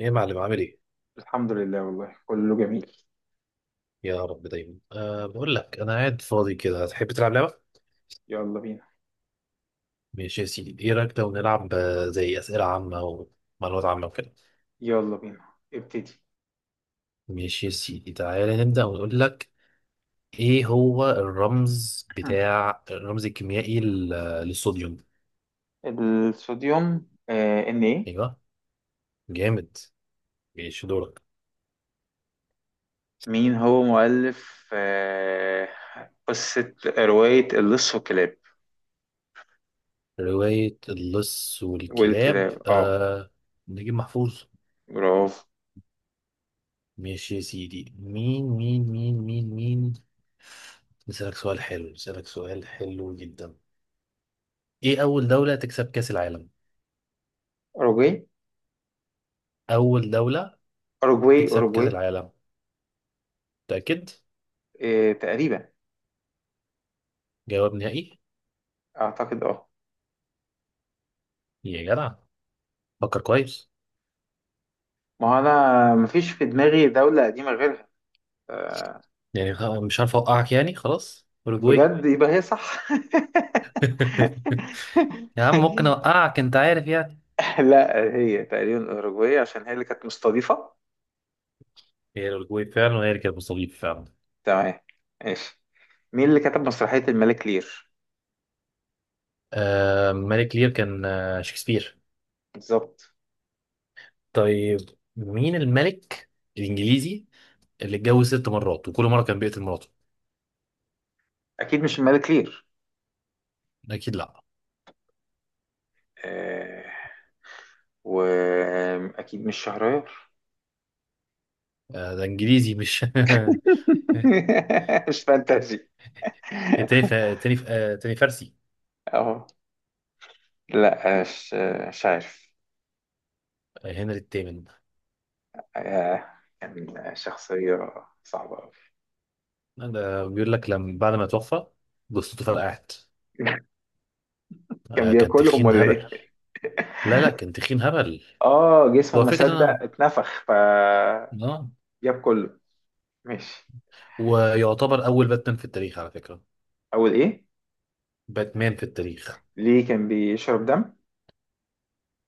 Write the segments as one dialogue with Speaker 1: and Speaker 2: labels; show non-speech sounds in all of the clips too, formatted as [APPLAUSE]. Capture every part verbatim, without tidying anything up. Speaker 1: ايه يا معلم عامل ايه؟
Speaker 2: الحمد لله، والله كله جميل.
Speaker 1: يا رب دايما، أه بقول لك انا قاعد فاضي كده، هتحب تلعب لعبه؟
Speaker 2: يلا بينا.
Speaker 1: ماشي يا سيدي، ايه رايك لو نلعب آه، زي اسئله عامه ومعلومات عامه وكده؟
Speaker 2: يلا بينا ابتدي.
Speaker 1: ماشي يا سيدي، تعالى نبدا ونقول لك. ايه هو الرمز بتاع الرمز الكيميائي لل- للصوديوم؟
Speaker 2: [CLEARS THROAT] الصوديوم آه ان ايه.
Speaker 1: ايوه. جامد. ماشي دورك.
Speaker 2: مين هو مؤلف آه قصة رواية اللص والكلاب
Speaker 1: روايه اللص والكلاب
Speaker 2: والكلاب اه.
Speaker 1: أه نجيب محفوظ.
Speaker 2: برافو.
Speaker 1: ماشي يا سيدي، مين مين مين مين مين؟ نسألك سؤال حلو نسألك سؤال حلو جدا. ايه أول دولة تكسب كأس العالم؟
Speaker 2: اوروجواي.
Speaker 1: أول دولة
Speaker 2: اوروجواي
Speaker 1: تكسب كأس
Speaker 2: اوروجواي
Speaker 1: العالم؟ متأكد؟
Speaker 2: آه تقريبا.
Speaker 1: جواب نهائي؟
Speaker 2: اعتقد اه.
Speaker 1: يا جدع فكر كويس.
Speaker 2: ما هو انا مفيش في دماغي دولة قديمة غيرها. آه.
Speaker 1: يعني خ- مش عارف أوقعك، يعني خلاص أوروجواي.
Speaker 2: بجد يبقى هي صح.
Speaker 1: [LAUGHS] يا عم، ممكن
Speaker 2: [LAUGHS]
Speaker 1: أوقعك، أنت عارف يعني.
Speaker 2: [LAUGHS] لا، هي تقريبا الأوروجواي عشان هي اللي كانت مستضيفة.
Speaker 1: هي الأوروجواي فعلا، وهي اللي كانت مستضيف فعلا.
Speaker 2: تمام. ماشي. مين اللي كتب مسرحية الملك لير؟
Speaker 1: آه، ملك لير كان آه شكسبير.
Speaker 2: بالظبط.
Speaker 1: طيب، مين الملك الإنجليزي اللي اتجوز ست مرات وكل مرة كان بيقتل مراته؟
Speaker 2: أكيد مش الملك لير.
Speaker 1: أكيد لأ.
Speaker 2: آه... وأكيد مش شهريار.
Speaker 1: آه، ده إنجليزي مش [LAUGHS]
Speaker 2: [LAUGHS] مش فانتازي. [LAUGHS]
Speaker 1: تاني ف... تاني ف... آه، تاني فارسي.
Speaker 2: أهو. لا مش، مش عارف.
Speaker 1: آه، هنري الثامن.
Speaker 2: آه، كان شخصية صعبة أوي.
Speaker 1: ده بيقول لك لما بعد ما توفى جثته فرقعت.
Speaker 2: [LAUGHS] كان
Speaker 1: آه، كان
Speaker 2: بياكلهم
Speaker 1: تخين
Speaker 2: ولا
Speaker 1: هبل.
Speaker 2: إيه؟ [LAUGHS]
Speaker 1: لا لا، كان تخين هبل.
Speaker 2: آه، جسمه
Speaker 1: هو
Speaker 2: ما
Speaker 1: فكرة
Speaker 2: صدق
Speaker 1: أنا
Speaker 2: اتنفخ فجاب
Speaker 1: آه
Speaker 2: كله. ماشي.
Speaker 1: ويعتبر أول باتمان في التاريخ على فكرة.
Speaker 2: أول إيه؟
Speaker 1: باتمان في التاريخ.
Speaker 2: ليه، كان بيشرب دم؟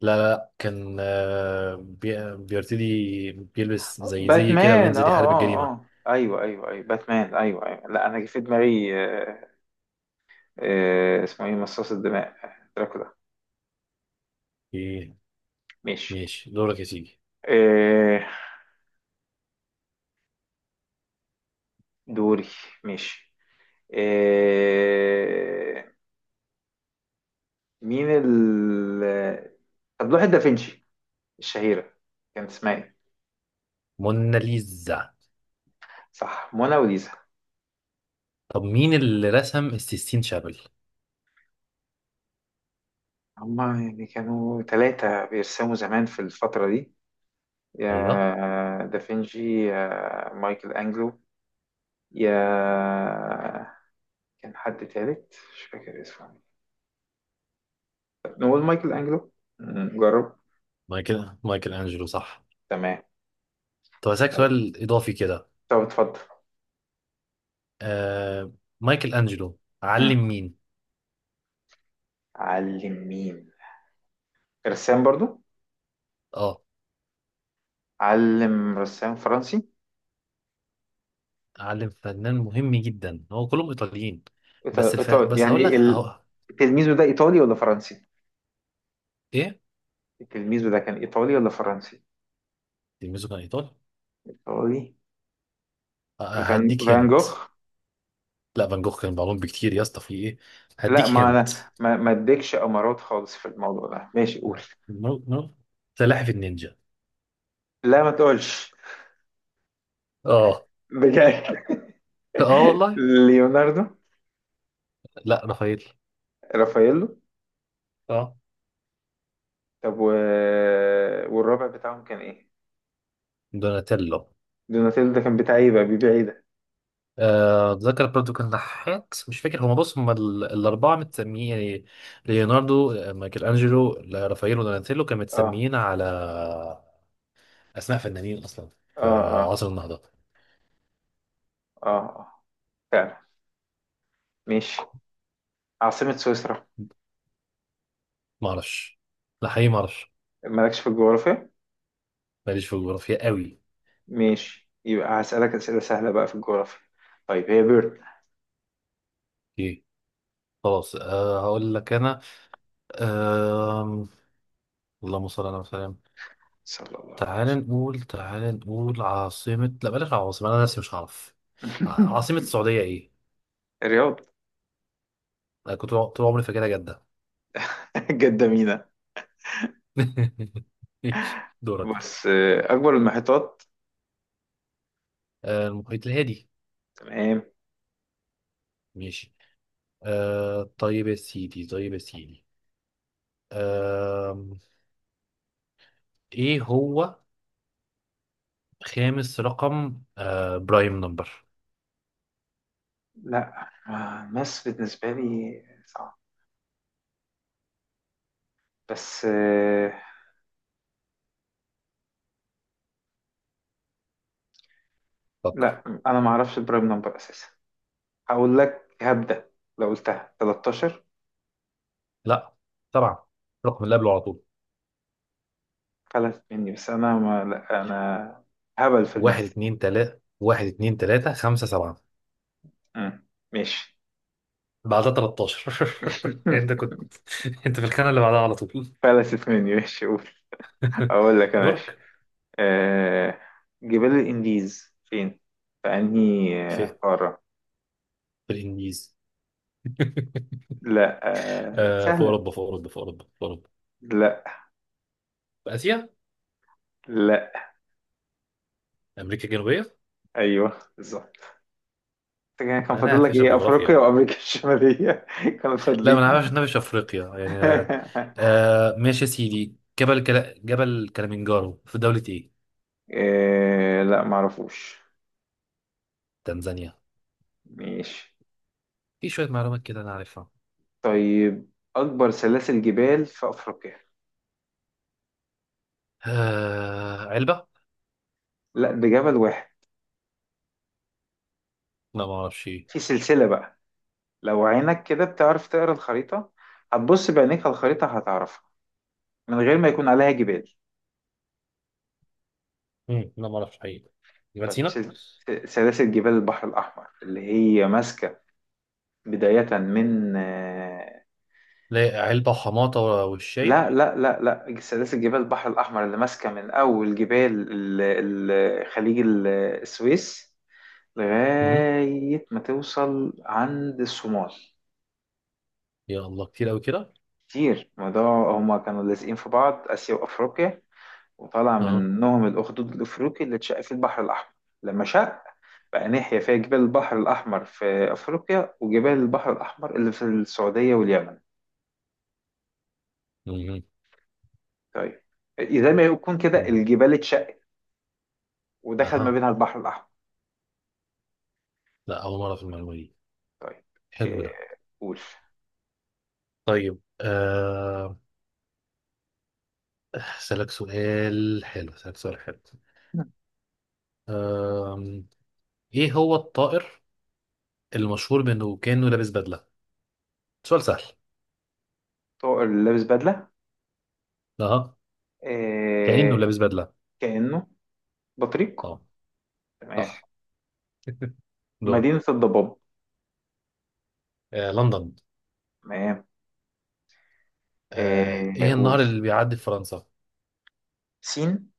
Speaker 1: لا لا لا، كان آه، بي... بيرتدي بيلبس زي زي كده،
Speaker 2: باتمان، اه
Speaker 1: وينزل يحارب
Speaker 2: اه
Speaker 1: الجريمة.
Speaker 2: اه، ايوه ايوه ايوه، باتمان ايوه ايوه. لا انا جه في دماغي آه، آه، اسمه ايه، مصاص الدماء، دراكولا.
Speaker 1: إيه.
Speaker 2: ماشي.
Speaker 1: ماشي دورك يا سيدي.
Speaker 2: آه، دوري. ماشي. آه، مين ال طب لوحة دافنشي الشهيرة كانت اسمها ايه؟
Speaker 1: موناليزا.
Speaker 2: صح، مونا وليزا.
Speaker 1: طب مين اللي رسم السيستين شابل؟
Speaker 2: هما يعني كانوا ثلاثة بيرسموا زمان في الفترة دي:
Speaker 1: ايوه.
Speaker 2: يا دافنشي، يا مايكل أنجلو، يا كان حد تالت مش فاكر اسمه. طب نقول مايكل أنجلو. مم، جرب.
Speaker 1: مايكل مايكل انجلو صح.
Speaker 2: تمام.
Speaker 1: طب هسألك
Speaker 2: طيب،
Speaker 1: سؤال اضافي كده.
Speaker 2: طب اتفضل.
Speaker 1: آه... مايكل انجلو
Speaker 2: مم.
Speaker 1: علم مين؟
Speaker 2: علم مين؟ رسام برضو.
Speaker 1: اه،
Speaker 2: علم رسام فرنسي.
Speaker 1: علم فنان مهم جدا، هو كلهم ايطاليين. بس
Speaker 2: إيطا-
Speaker 1: الف...
Speaker 2: إيطا-
Speaker 1: بس هقول
Speaker 2: يعني
Speaker 1: لك.
Speaker 2: ال-
Speaker 1: هو...
Speaker 2: تلميذه ده إيطالي ولا فرنسي؟
Speaker 1: ايه؟
Speaker 2: تلميذه ده كان إيطالي ولا فرنسي؟
Speaker 1: تلميذه كان ايطالي؟
Speaker 2: إيطالي.
Speaker 1: آه،
Speaker 2: فان
Speaker 1: هديك
Speaker 2: فان
Speaker 1: هنت.
Speaker 2: جوخ.
Speaker 1: لا، فان جوخ كان معلوم بكتير يا اسطى، في ايه؟
Speaker 2: لا،
Speaker 1: هديك
Speaker 2: ما
Speaker 1: هنت.
Speaker 2: أنا ما ما أديكش أمارات خالص في الموضوع ده. ماشي، قول.
Speaker 1: نو نو. سلاحف النينجا.
Speaker 2: لا ما تقولش،
Speaker 1: اه.
Speaker 2: بجد.
Speaker 1: اه والله.
Speaker 2: [LAUGHS] ليوناردو.
Speaker 1: لا، رافائيل.
Speaker 2: رافاييلو.
Speaker 1: اه.
Speaker 2: طب و... والرابع بتاعهم كان ايه؟
Speaker 1: دوناتيلو.
Speaker 2: دوناتيلو ده كان بتاع ايه بقى، بيبيع ايه ده؟
Speaker 1: آه، اتذكر برضو كان نحات، مش فاكر. هما، بص، هما ال- الاربعه متسميين يعني ليوناردو، آه، مايكل انجلو، لا، رافائيل ودوناتيلو، كانوا
Speaker 2: اه
Speaker 1: متسميين على اسماء فنانين اصلا في
Speaker 2: اه، اه
Speaker 1: عصر النهضه.
Speaker 2: اه اه، فعلا، ماشي. عاصمة سويسرا.
Speaker 1: ما اعرفش. لا حقيقي ما اعرفش.
Speaker 2: مالكش في الجغرافيا؟
Speaker 1: ماليش في الجغرافيا قوي.
Speaker 2: ماشي، يبقى هسألك أسئلة سهلة بقى في الجغرافيا. طيب، هي بيرن.
Speaker 1: ايه. خلاص أه هقول لك انا أه اللهم صل على وسلم.
Speaker 2: صلى الله عليه
Speaker 1: تعال نقول تعال نقول عاصمه، لا بلاش عاصمه، انا نفسي مش هعرف. ع-
Speaker 2: وسلم. [LAUGHS]
Speaker 1: عاصمه السعوديه ايه؟
Speaker 2: الرياض.
Speaker 1: انا كنت طول عمري فاكرها جده.
Speaker 2: [LAUGHS] جدة مينا.
Speaker 1: [LAUGHS] ماشي دورك.
Speaker 2: بص، آه، أكبر المحيطات.
Speaker 1: آه، المحيط الهادي.
Speaker 2: تمام.
Speaker 1: ماشي. آه طيب يا سيدي طيب يا سيدي، آه ايه هو خامس رقم آه برايم نمبر؟
Speaker 2: لا، آه، مصر بالنسبة لي صعب، بس آه،
Speaker 1: فكر.
Speaker 2: لا أنا ما أعرفش البرايم نمبر أساسا. هقول لك، هبدأ لو قلتها تلتاشر.
Speaker 1: لا طبعا، رقم اللي قبله على طول.
Speaker 2: خلت مني بس، انا ما لا انا هبل في
Speaker 1: واحد
Speaker 2: الماث.
Speaker 1: اتنين تلاتة، واحد اتنين تلاتة خمسة سبعة،
Speaker 2: مم. ماشي.
Speaker 1: بعدها تلتاشر. [LAUGHS] انت
Speaker 2: [LAUGHS]
Speaker 1: كنت، انت في الخانة اللي بعدها على طول.
Speaker 2: فلتت مني، ماشي قول.
Speaker 1: [LAUGHS]
Speaker 2: اقول لك انا، ماشي.
Speaker 1: دورك.
Speaker 2: آه... جبال الانديز فين، في انهي
Speaker 1: في
Speaker 2: آه، قارة؟
Speaker 1: في الانجليزي. [LAUGHS]
Speaker 2: لا. آه...
Speaker 1: آه، في
Speaker 2: سهلة.
Speaker 1: اوروبا، في اوروبا، في اوروبا، في اوروبا،
Speaker 2: لا.
Speaker 1: في اسيا،
Speaker 2: لا.
Speaker 1: امريكا الجنوبية.
Speaker 2: ايوه، بالظبط. كان كان
Speaker 1: انا
Speaker 2: فاضل لك
Speaker 1: فاشل
Speaker 2: ايه، افريقيا
Speaker 1: جغرافيا.
Speaker 2: وامريكا الشمالية. [LAUGHS] كانوا
Speaker 1: لا، ما انا
Speaker 2: فاضلين.
Speaker 1: عارف إنها في افريقيا يعني آه
Speaker 2: [LAUGHS]
Speaker 1: آه، ماشي يا سيدي. جبل كلا... جبل كليمنجارو في دولة ايه؟
Speaker 2: آه... لا معرفوش.
Speaker 1: تنزانيا.
Speaker 2: ماشي.
Speaker 1: في شوية معلومات كده انا عارفها.
Speaker 2: طيب، أكبر سلاسل جبال في أفريقيا.
Speaker 1: آه، علبة.
Speaker 2: لا، ده جبل واحد.
Speaker 1: لا ما اعرفش ايه.
Speaker 2: في سلسلة بقى. لو عينك كده بتعرف تقرا الخريطة، هتبص بعينيك على الخريطة هتعرفها، من غير ما يكون عليها جبال.
Speaker 1: مم، لا ما اعرفش حقيقي. جبل
Speaker 2: طيب،
Speaker 1: سينا.
Speaker 2: سل... سلاسل جبال البحر الأحمر اللي هي ماسكة بداية من آه،
Speaker 1: لا، علبة وحماطة والشاي.
Speaker 2: لا لا لا لا، سلاسل جبال البحر الأحمر اللي ماسكة من أول جبال ال... ال... خليج ال- السويس
Speaker 1: مم.
Speaker 2: لغاية ما توصل عند الصومال.
Speaker 1: يا الله، كتير قوي كده.
Speaker 2: كتير الموضوع، هما كانوا لازقين في بعض، آسيا وأفريقيا، وطلع
Speaker 1: اه.
Speaker 2: منهم الأخدود الأفريقي اللي اتشق في البحر الأحمر. لما شق بقى ناحية، فيها جبال البحر الأحمر في أفريقيا، وجبال البحر الأحمر اللي في السعودية واليمن.
Speaker 1: مم.
Speaker 2: طيب. إيه، زي ما يكون كده
Speaker 1: مم.
Speaker 2: الجبال اتشقت ودخل ما
Speaker 1: اها.
Speaker 2: بينها البحر الأحمر.
Speaker 1: لا، اول مرة في المعلومة دي.
Speaker 2: طيب.
Speaker 1: حلو
Speaker 2: إيه،
Speaker 1: ده.
Speaker 2: قول.
Speaker 1: طيب، آه، اسالك سؤال حلو اسالك سؤال حلو. ايه هو الطائر المشهور بانه كانه لابس بدله؟ سؤال سهل.
Speaker 2: طائر اللي لابس بدلة؟
Speaker 1: اه، كانه
Speaker 2: إيه،
Speaker 1: لابس بدله.
Speaker 2: كأنه، بطريق.
Speaker 1: اه
Speaker 2: تمام.
Speaker 1: صح. [LAUGHS] دور.
Speaker 2: مدينة الضباب.
Speaker 1: آه، لندن.
Speaker 2: تمام.
Speaker 1: آه،
Speaker 2: إيه،
Speaker 1: ايه
Speaker 2: قول.
Speaker 1: النهر اللي بيعدي في فرنسا؟
Speaker 2: سين.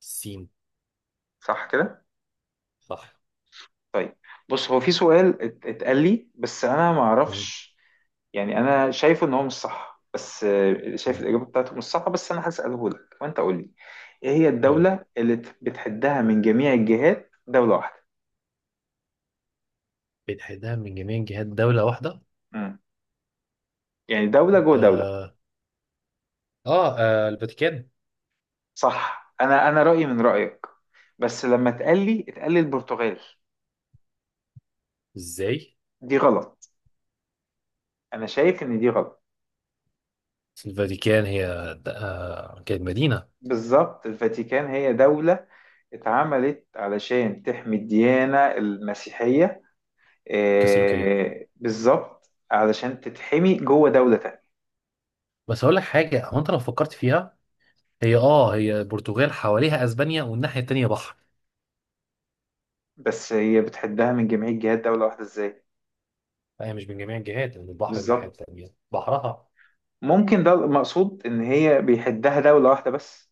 Speaker 1: السين.
Speaker 2: صح كده.
Speaker 1: صح.
Speaker 2: طيب، بص، هو في سؤال ات- اتقال لي بس انا ما
Speaker 1: مم.
Speaker 2: اعرفش، يعني انا شايفه ان هو مش صح، بس آه، شايف
Speaker 1: مم.
Speaker 2: الاجابه بتاعته مش صح، بس انا هساله لك وانت قول لي. ايه هي
Speaker 1: قول لي،
Speaker 2: الدوله اللي ت- بتحدها من جميع الجهات دوله واحده؟
Speaker 1: بتحدها من جميع جهات دولة واحدة.
Speaker 2: امم، يعني دوله جوه دوله.
Speaker 1: آه, آه, آه الفاتيكان.
Speaker 2: صح، انا انا رايي من رايك، بس لما اتقال لي، اتقال لي البرتغال.
Speaker 1: ازاي؟
Speaker 2: دي غلط، انا شايف ان دي غلط.
Speaker 1: الفاتيكان هي د- آه كانت مدينة
Speaker 2: بالظبط، الفاتيكان هي دوله اتعملت علشان تحمي الديانه المسيحيه،
Speaker 1: كاثوليكية.
Speaker 2: آه، بالظبط علشان تتحمي جوه دولة تانية.
Speaker 1: بس اقول لك حاجة، هو انت لو فكرت فيها، هي اه هي البرتغال حواليها اسبانيا، والناحية التانية بحر.
Speaker 2: بس هي بتحدها من جميع جهات دولة واحدة ازاي؟
Speaker 1: لا هي مش من جميع الجهات، من البحر الناحية
Speaker 2: بالظبط،
Speaker 1: التانية بحرها.
Speaker 2: ممكن ده المقصود ان هي بيحدها دولة واحدة بس.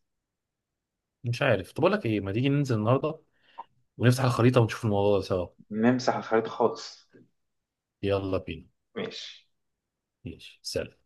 Speaker 1: مش عارف. طب أقول لك إيه، ما تيجي ننزل النهاردة ونفتح الخريطة ونشوف الموضوع ده سوا.
Speaker 2: نمسح الخريطة خالص.
Speaker 1: يلا بينا.
Speaker 2: ماشي.
Speaker 1: ماشي سلام.